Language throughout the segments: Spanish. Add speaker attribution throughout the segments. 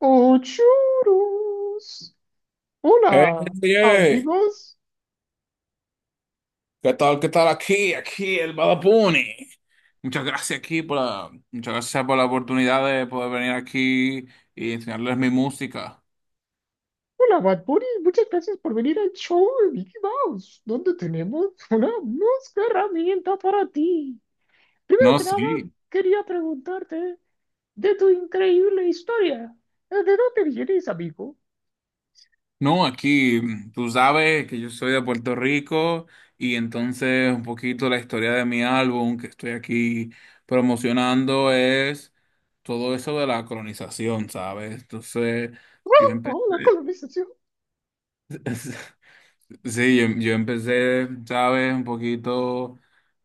Speaker 1: ¡Ochurus!
Speaker 2: Hey,
Speaker 1: Hola,
Speaker 2: DJ,
Speaker 1: amigos.
Speaker 2: ¿qué tal? ¿Qué tal aquí? Aquí el Badapuni. Muchas gracias aquí muchas gracias por la oportunidad de poder venir aquí y enseñarles mi música.
Speaker 1: Hola, Bad Bunny. Muchas gracias por venir al show de Mickey Mouse, donde tenemos una música herramienta para ti. Primero
Speaker 2: No,
Speaker 1: que nada,
Speaker 2: sí.
Speaker 1: quería preguntarte de tu increíble historia. ¿De dónde vienes, amigo?
Speaker 2: No, aquí tú sabes que yo soy de Puerto Rico y entonces un poquito la historia de mi álbum que estoy aquí promocionando es todo eso de la colonización, ¿sabes? Entonces yo
Speaker 1: ¡Wow!
Speaker 2: empecé.
Speaker 1: ¡Oh, la colonización!
Speaker 2: Sí, yo empecé, ¿sabes? Un poquito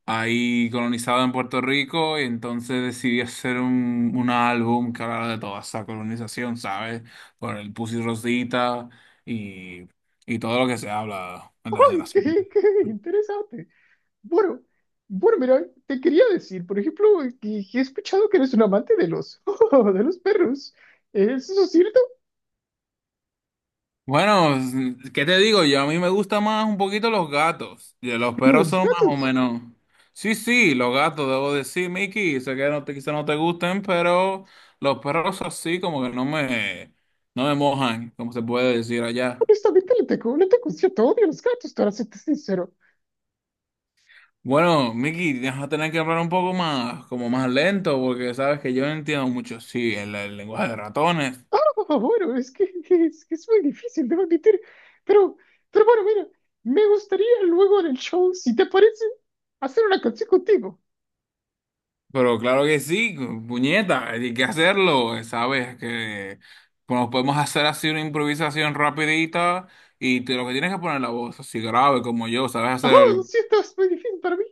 Speaker 2: ahí colonizado en Puerto Rico y entonces decidí hacer un álbum que hablara de toda esa colonización, ¿sabes? Por el Pussy Rosita y, y todo lo que se habla en las
Speaker 1: ¡Ay, qué,
Speaker 2: generaciones.
Speaker 1: qué interesante! Bueno, bueno, mira, te quería decir, por ejemplo, que he escuchado que eres un amante de los, de los perros. ¿Es eso cierto?
Speaker 2: Bueno, ¿qué te digo? Yo a mí me gustan más un poquito los gatos. Y los perros
Speaker 1: Los
Speaker 2: son más o
Speaker 1: gatos.
Speaker 2: menos. Sí, sí, los gatos, debo decir, Mickey. Sé que quizá no te gusten, pero los perros así como que no me mojan, como se puede decir allá.
Speaker 1: Honestamente, le tengo un cierto odio a los gatos, para serte sincero.
Speaker 2: Bueno, Mickey, vas a tener que hablar un poco más, como más lento, porque sabes que yo no entiendo mucho, sí, el lenguaje de ratones.
Speaker 1: Ah, bueno, que es muy difícil, debo admitir. Pero, pero bueno, mira, me gustaría luego en el show, si te parece, hacer una canción contigo.
Speaker 2: Pero claro que sí, puñeta, hay que hacerlo, ¿sabes? Que bueno, podemos hacer así una improvisación rapidita y te, lo que tienes que poner la voz así grave como yo, ¿sabes?
Speaker 1: Oh,
Speaker 2: Hacer
Speaker 1: lo
Speaker 2: el...
Speaker 1: siento, es muy difícil para mí,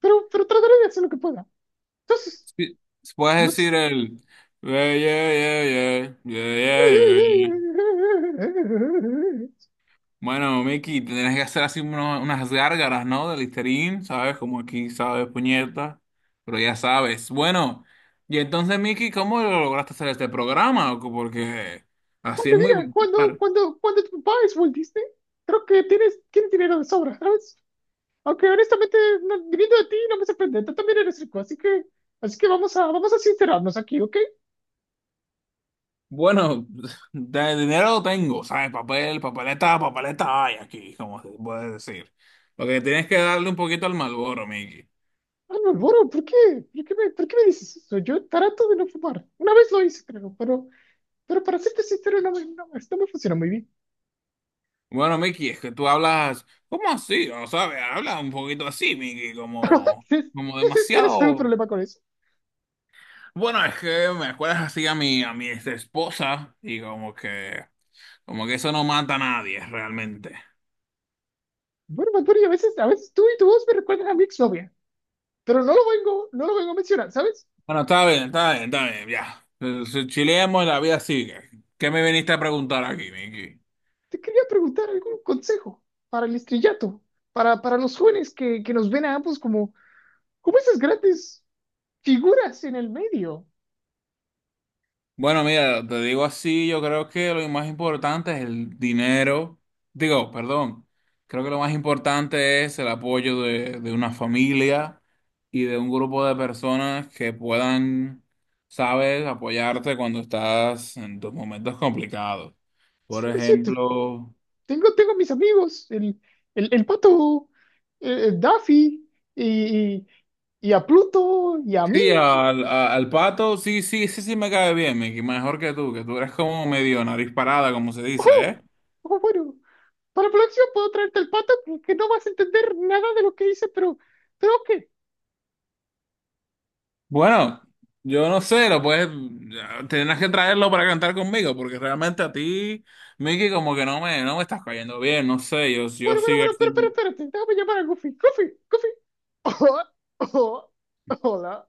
Speaker 1: pero trataré de hacer lo que pueda. Entonces,
Speaker 2: sí, puedes
Speaker 1: no
Speaker 2: decir
Speaker 1: sé.
Speaker 2: el... Yeah, yeah, yeah, yeah, yeah, yeah, yeah, yeah. Bueno, Miki, te tienes que hacer así unas gárgaras, ¿no? De Listerine, ¿sabes? Como aquí, ¿sabes? Puñeta. Pero ya sabes. Bueno, y entonces, Miki, ¿cómo lo lograste hacer este programa? Porque así
Speaker 1: Porque
Speaker 2: es
Speaker 1: mira,
Speaker 2: muy
Speaker 1: cuando,
Speaker 2: popular.
Speaker 1: cuando, cuando tu papá es Walt Disney, creo que tienes dinero de sobra, ¿sabes? Aunque honestamente, viniendo de ti, no me sorprende, tú también eres rico, así que vamos a, vamos a sincerarnos aquí, ¿ok?
Speaker 2: Bueno, de dinero tengo, ¿sabes? Papel, papeleta, papeleta hay aquí, como se puede decir. Lo que tienes que darle un poquito al Malboro, Miki.
Speaker 1: Ah, no, Boro, ¿por qué? ¿Por qué me dices eso? Yo trato de no fumar. Una vez lo hice, creo, pero para serte sincero, no, esto me funciona muy bien.
Speaker 2: Bueno, Miki, es que tú hablas, ¿cómo así? ¿No sabes? Habla un poquito así, Miki, como, como
Speaker 1: Entonces, ¿tienes algún
Speaker 2: demasiado.
Speaker 1: problema con eso?
Speaker 2: Bueno, es que me acuerdas así a a mi ex esposa y como que eso no mata a nadie realmente.
Speaker 1: Bueno, Bad Bunny, a veces tú y tu voz me recuerdan a mi exnovia. Pero no lo vengo a mencionar, ¿sabes?
Speaker 2: Bueno, está bien, está bien, está bien, ya. Si Chileamos y la vida sigue. ¿Qué me viniste a preguntar aquí, Miki?
Speaker 1: Te quería preguntar algún consejo para el estrellato, para los jóvenes que nos ven a ambos como, como esas grandes figuras en el medio.
Speaker 2: Bueno, mira, te digo así, yo creo que lo más importante es el dinero. Digo, perdón, creo que lo más importante es el apoyo de una familia y de un grupo de personas que puedan, sabes, apoyarte cuando estás en tus momentos complicados. Por
Speaker 1: Cien por ciento.
Speaker 2: ejemplo,
Speaker 1: Tengo mis amigos, el pato, el Daffy, y, y a Pluto, y a mí.
Speaker 2: sí, al pato, sí, sí, sí, sí me cae bien, Mickey, mejor que tú eres como medio nariz parada, como se dice,
Speaker 1: ¡Oh!
Speaker 2: ¿eh?
Speaker 1: Oh, bueno, para la próxima puedo traerte el pato que no vas a entender nada de lo que hice, pero ok.
Speaker 2: Bueno, yo no sé, lo puedes, tendrás que traerlo para cantar conmigo, porque realmente a ti, Mickey, como que no me estás cayendo bien, no sé, yo
Speaker 1: Bueno, bueno,
Speaker 2: sigo
Speaker 1: bueno, pero
Speaker 2: aquí.
Speaker 1: espérate, déjame llamar a Goofy. Goofy, Goofy. Hola,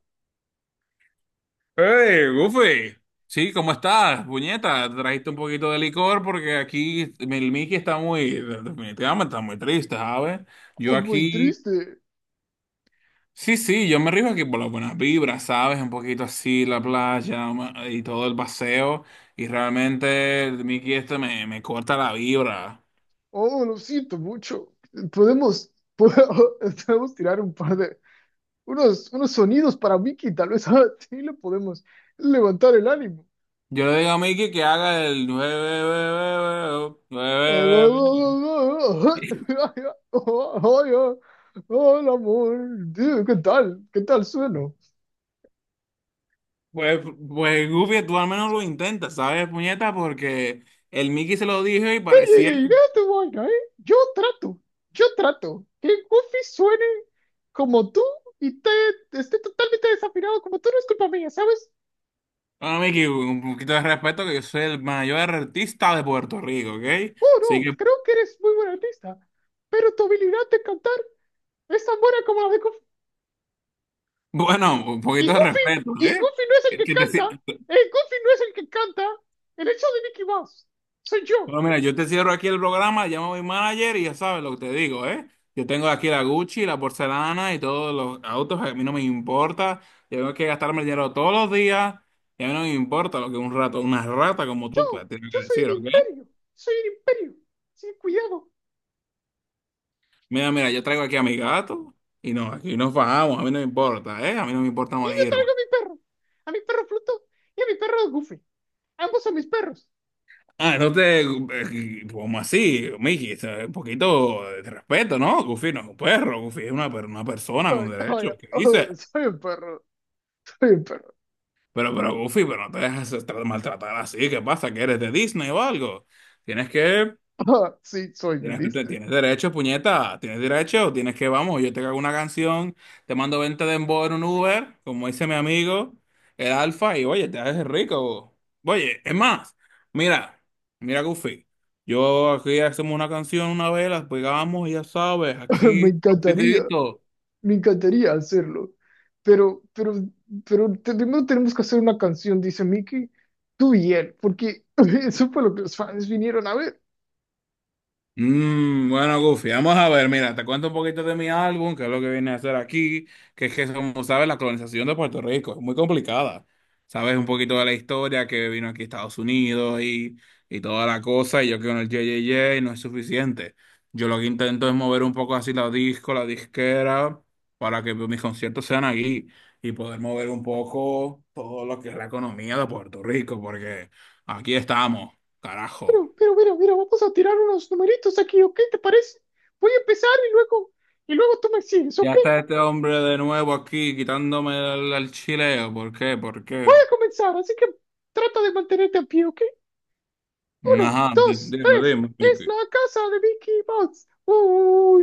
Speaker 2: ¡Hey, Goofy! Sí, ¿cómo estás, puñeta? Trajiste un poquito de licor porque aquí el Mickey está muy, definitivamente está muy triste, ¿sabes? Yo
Speaker 1: oh, muy
Speaker 2: aquí,
Speaker 1: triste.
Speaker 2: sí, sí, yo me río aquí por las buenas vibras, ¿sabes? Un poquito así, y todo el paseo, y realmente el Mickey este me corta la vibra.
Speaker 1: Oh, lo siento mucho. Podemos, po- podemos tirar un par de, unos, unos sonidos para Mickey, tal vez así le podemos levantar el ánimo.
Speaker 2: Yo le digo a Mickey que haga el...
Speaker 1: Hola, amor. Dude, ¿qué tal? ¿Qué tal suena?
Speaker 2: Pues, pues Goofy, tú al menos lo intentas, ¿sabes, puñeta? Porque el Mickey se lo dijo y
Speaker 1: Ey,
Speaker 2: parecía...
Speaker 1: ey, deja tu vaina, ¿eh? Yo trato que Goofy suene como tú y te, esté totalmente desafinado como tú, no es culpa mía, ¿sabes?
Speaker 2: Bueno, Mickey, un poquito de respeto, que yo soy el mayor artista de Puerto Rico, ¿ok?
Speaker 1: Oh,
Speaker 2: Así
Speaker 1: no,
Speaker 2: que,
Speaker 1: creo que eres muy buen artista, pero tu habilidad de cantar es tan buena como la de Goofy.
Speaker 2: bueno, un
Speaker 1: Y
Speaker 2: poquito de
Speaker 1: Goofy, y Goofy
Speaker 2: respeto,
Speaker 1: no es el
Speaker 2: ¿eh?
Speaker 1: que
Speaker 2: Que te,
Speaker 1: canta,
Speaker 2: si-
Speaker 1: el Goofy no es el que canta, el hecho de Mickey Mouse, soy yo,
Speaker 2: Bueno, mira, yo te cierro aquí el programa, llamo a mi manager y ya sabes lo que te digo, ¿eh? Yo tengo aquí la Gucci, la porcelana y todos los autos, a mí no me importa. Yo tengo que gastarme el dinero todos los días y a mí no me importa lo que un rato, una rata como tú,
Speaker 1: yo,
Speaker 2: pues, tienes que decir, ¿ok?
Speaker 1: soy un imperio, sin cuidado,
Speaker 2: Mira, mira, yo traigo aquí a mi gato y no, aquí nos bajamos, a mí no me importa, ¿eh? A mí no me importa
Speaker 1: y yo
Speaker 2: morirme.
Speaker 1: traigo a mi perro Pluto y a mi perro Goofy. Ambos son mis perros.
Speaker 2: Ah, no te, como así, Miki, o sea, un poquito de respeto, ¿no? Goofy no es un perro, Goofy es una persona
Speaker 1: Ay,
Speaker 2: con
Speaker 1: ay,
Speaker 2: derecho, ¿qué dices?
Speaker 1: ay, soy un perro, soy un perro.
Speaker 2: Pero Goofy, pero no te dejes maltratar así. ¿Qué pasa? ¿Que eres de Disney o algo? Tienes que,
Speaker 1: Ah, sí, soy de Disney.
Speaker 2: Tienes derecho, puñeta. Tienes derecho, tienes que, vamos, yo te hago una canción, te mando 20 de dembow en un Uber, como dice mi amigo, el Alfa, y oye, te haces rico. Oye, es más, mira, mira Goofy. Yo aquí hacemos una canción una vez, las pegamos, ya sabes,
Speaker 1: Me
Speaker 2: aquí,
Speaker 1: encantaría,
Speaker 2: rapidito.
Speaker 1: me encantaría hacerlo. Pero, pero, Primero tenemos que hacer una canción, dice Mickey. Tú y él, porque eso fue lo que los fans vinieron a ver.
Speaker 2: Bueno, Goofy, vamos a ver, mira, te cuento un poquito de mi álbum, que es lo que viene a hacer aquí, que es que, como sabes, la colonización de Puerto Rico es muy complicada. Sabes un poquito de la historia que vino aquí a Estados Unidos y toda la cosa, y yo que con el JJJ no es suficiente. Yo lo que intento es mover un poco así la disquera, para que mis conciertos sean aquí y poder mover un poco todo lo que es la economía de Puerto Rico, porque aquí estamos, carajo.
Speaker 1: Mira, mira, vamos a tirar unos numeritos aquí, ¿ok? ¿Te parece? Voy a empezar y luego tú me sigues,
Speaker 2: Ya
Speaker 1: ¿ok?
Speaker 2: está este hombre de nuevo aquí quitándome el chileo. ¿Por qué? ¿Por
Speaker 1: Voy
Speaker 2: qué?
Speaker 1: a comenzar, así que trata de mantenerte a pie, ¿ok? Uno,
Speaker 2: Ajá,
Speaker 1: dos,
Speaker 2: dime,
Speaker 1: tres.
Speaker 2: dime,
Speaker 1: Es
Speaker 2: Vicky.
Speaker 1: la casa de Mickey Mouse. ¡Oh,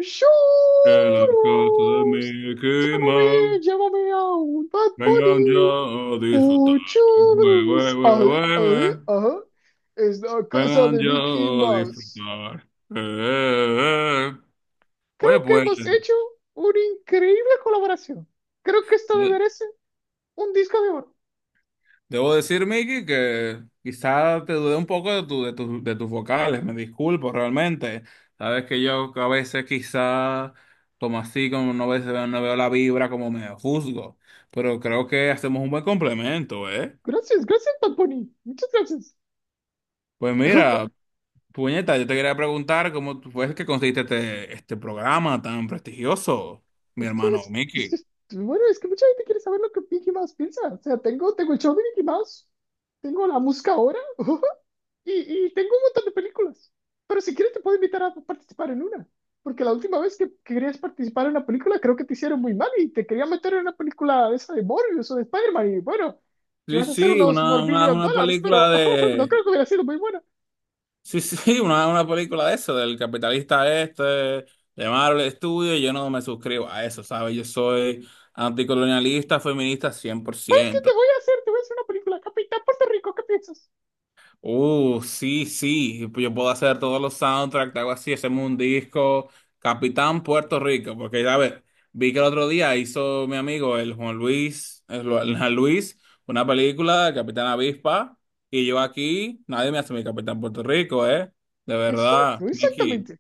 Speaker 2: Que las cosas de
Speaker 1: churros!
Speaker 2: mi esquema
Speaker 1: Llámame, llámame a un Bad
Speaker 2: vengan yo
Speaker 1: Bunny.
Speaker 2: a disfrutar.
Speaker 1: ¡Oh,
Speaker 2: Güey, güey,
Speaker 1: churros!
Speaker 2: güey,
Speaker 1: ¡Ay,
Speaker 2: güey,
Speaker 1: ay,
Speaker 2: güey.
Speaker 1: ay! Es la casa
Speaker 2: Vengan
Speaker 1: de
Speaker 2: yo
Speaker 1: Mickey
Speaker 2: a
Speaker 1: Mouse.
Speaker 2: disfrutar. Eh.
Speaker 1: Creo
Speaker 2: Oye,
Speaker 1: que
Speaker 2: pues,
Speaker 1: hemos hecho una increíble colaboración. Creo que esto me
Speaker 2: eh,
Speaker 1: merece un disco de oro.
Speaker 2: Debo decir, Miki, que quizá te dudé un poco de de tus vocales, me disculpo realmente. Sabes que yo a veces quizá como así, como no veo la vibra, como me juzgo, pero creo que hacemos un buen complemento, ¿eh?
Speaker 1: Gracias, gracias, Bad Bunny. Muchas gracias.
Speaker 2: Pues mira, puñeta, yo te quería preguntar cómo fue que conseguiste este programa tan prestigioso, mi hermano
Speaker 1: Es que,
Speaker 2: Miki.
Speaker 1: pues, bueno, es que mucha gente quiere saber lo que Mickey Mouse piensa. O sea, tengo, tengo el show de Mickey Mouse, tengo la música ahora y, y tengo un montón de películas. Pero si quieres te puedo invitar a participar en una. Porque la última vez que querías participar en una película creo que te hicieron muy mal y te querían meter en una película de esa de Morbius o de Spider-Man y bueno,
Speaker 2: Sí,
Speaker 1: ibas a hacer
Speaker 2: sí,
Speaker 1: unos morbillion
Speaker 2: una
Speaker 1: dólares,
Speaker 2: película
Speaker 1: pero no
Speaker 2: de...
Speaker 1: creo que hubiera sido muy buena.
Speaker 2: Sí, sí, una película de eso, del capitalista este, de Marvel Studios, yo no me suscribo a eso, ¿sabes? Yo soy anticolonialista, feminista cien por
Speaker 1: ¿Sabes qué te
Speaker 2: ciento
Speaker 1: voy a hacer? Te voy a hacer una película, Capitán Puerto Rico, ¿qué piensas?
Speaker 2: Sí, sí, yo puedo hacer todos los soundtracks, algo así, hacemos un disco, Capitán Puerto Rico, porque ya ves, vi que el otro día hizo mi amigo, el Juan Luis, el Juan Luis, una película de Capitán Avispa, y yo aquí, nadie me hace mi Capitán Puerto Rico, ¿eh? De verdad,
Speaker 1: Exacto,
Speaker 2: Mickey.
Speaker 1: exactamente.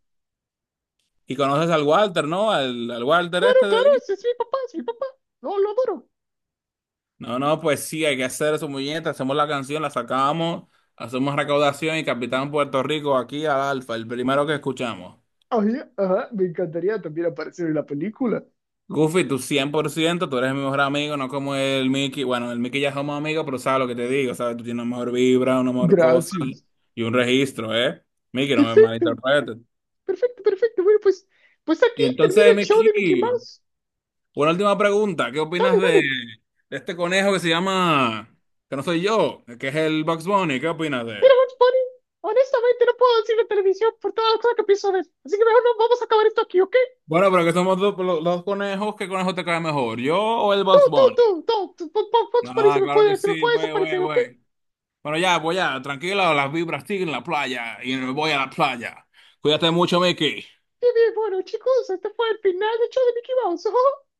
Speaker 2: Y conoces al Walter, ¿no? Al Walter
Speaker 1: Claro,
Speaker 2: este de
Speaker 1: claro, ese
Speaker 2: Disney.
Speaker 1: es mi papá, es mi papá. No, lo adoro.
Speaker 2: No, no, pues sí, hay que hacer su muñeca, hacemos la canción, la sacamos, hacemos recaudación y Capitán Puerto Rico aquí al Alfa, el primero que escuchamos.
Speaker 1: Oye, ajá, me encantaría también aparecer en la película.
Speaker 2: Goofy, tú 100%, tú eres mi mejor amigo, no como el Mickey. Bueno, el Mickey ya somos amigos, pero sabes lo que te digo, ¿sabes? Tú tienes una mejor vibra, una mejor cosa
Speaker 1: Gracias.
Speaker 2: y un registro, ¿eh? Mickey, no me
Speaker 1: Perfecto,
Speaker 2: malinterpretes.
Speaker 1: perfecto, perfecto. Bueno, pues, pues aquí
Speaker 2: Y
Speaker 1: termina
Speaker 2: entonces,
Speaker 1: el show de Mickey
Speaker 2: Mickey,
Speaker 1: Mouse.
Speaker 2: una última pregunta, ¿qué opinas
Speaker 1: Dale, dale.
Speaker 2: de este conejo que se llama, que no soy yo, que es el Bugs Bunny? ¿Qué opinas de él?
Speaker 1: Bugs Bunny, honestamente no puedo decir la televisión por todas las cosas que pienso ver. Así que mejor no, vamos a acabar esto aquí, ¿ok?
Speaker 2: Bueno, pero que somos dos, dos conejos, ¿qué conejo te cae mejor, yo o el
Speaker 1: Tú,
Speaker 2: Bugs
Speaker 1: tú,
Speaker 2: Bunny?
Speaker 1: tú, tú, tú, Bugs Bunny
Speaker 2: Ah, claro que
Speaker 1: se me
Speaker 2: sí,
Speaker 1: puede
Speaker 2: güey, güey,
Speaker 1: desaparecer, ¿ok?
Speaker 2: güey. Bueno, ya, pues ya, tranquila, las vibras siguen en la playa y me voy a la playa. Cuídate mucho, Mickey.
Speaker 1: Bien, bien, bueno, chicos, este fue el final del show de Mickey Mouse.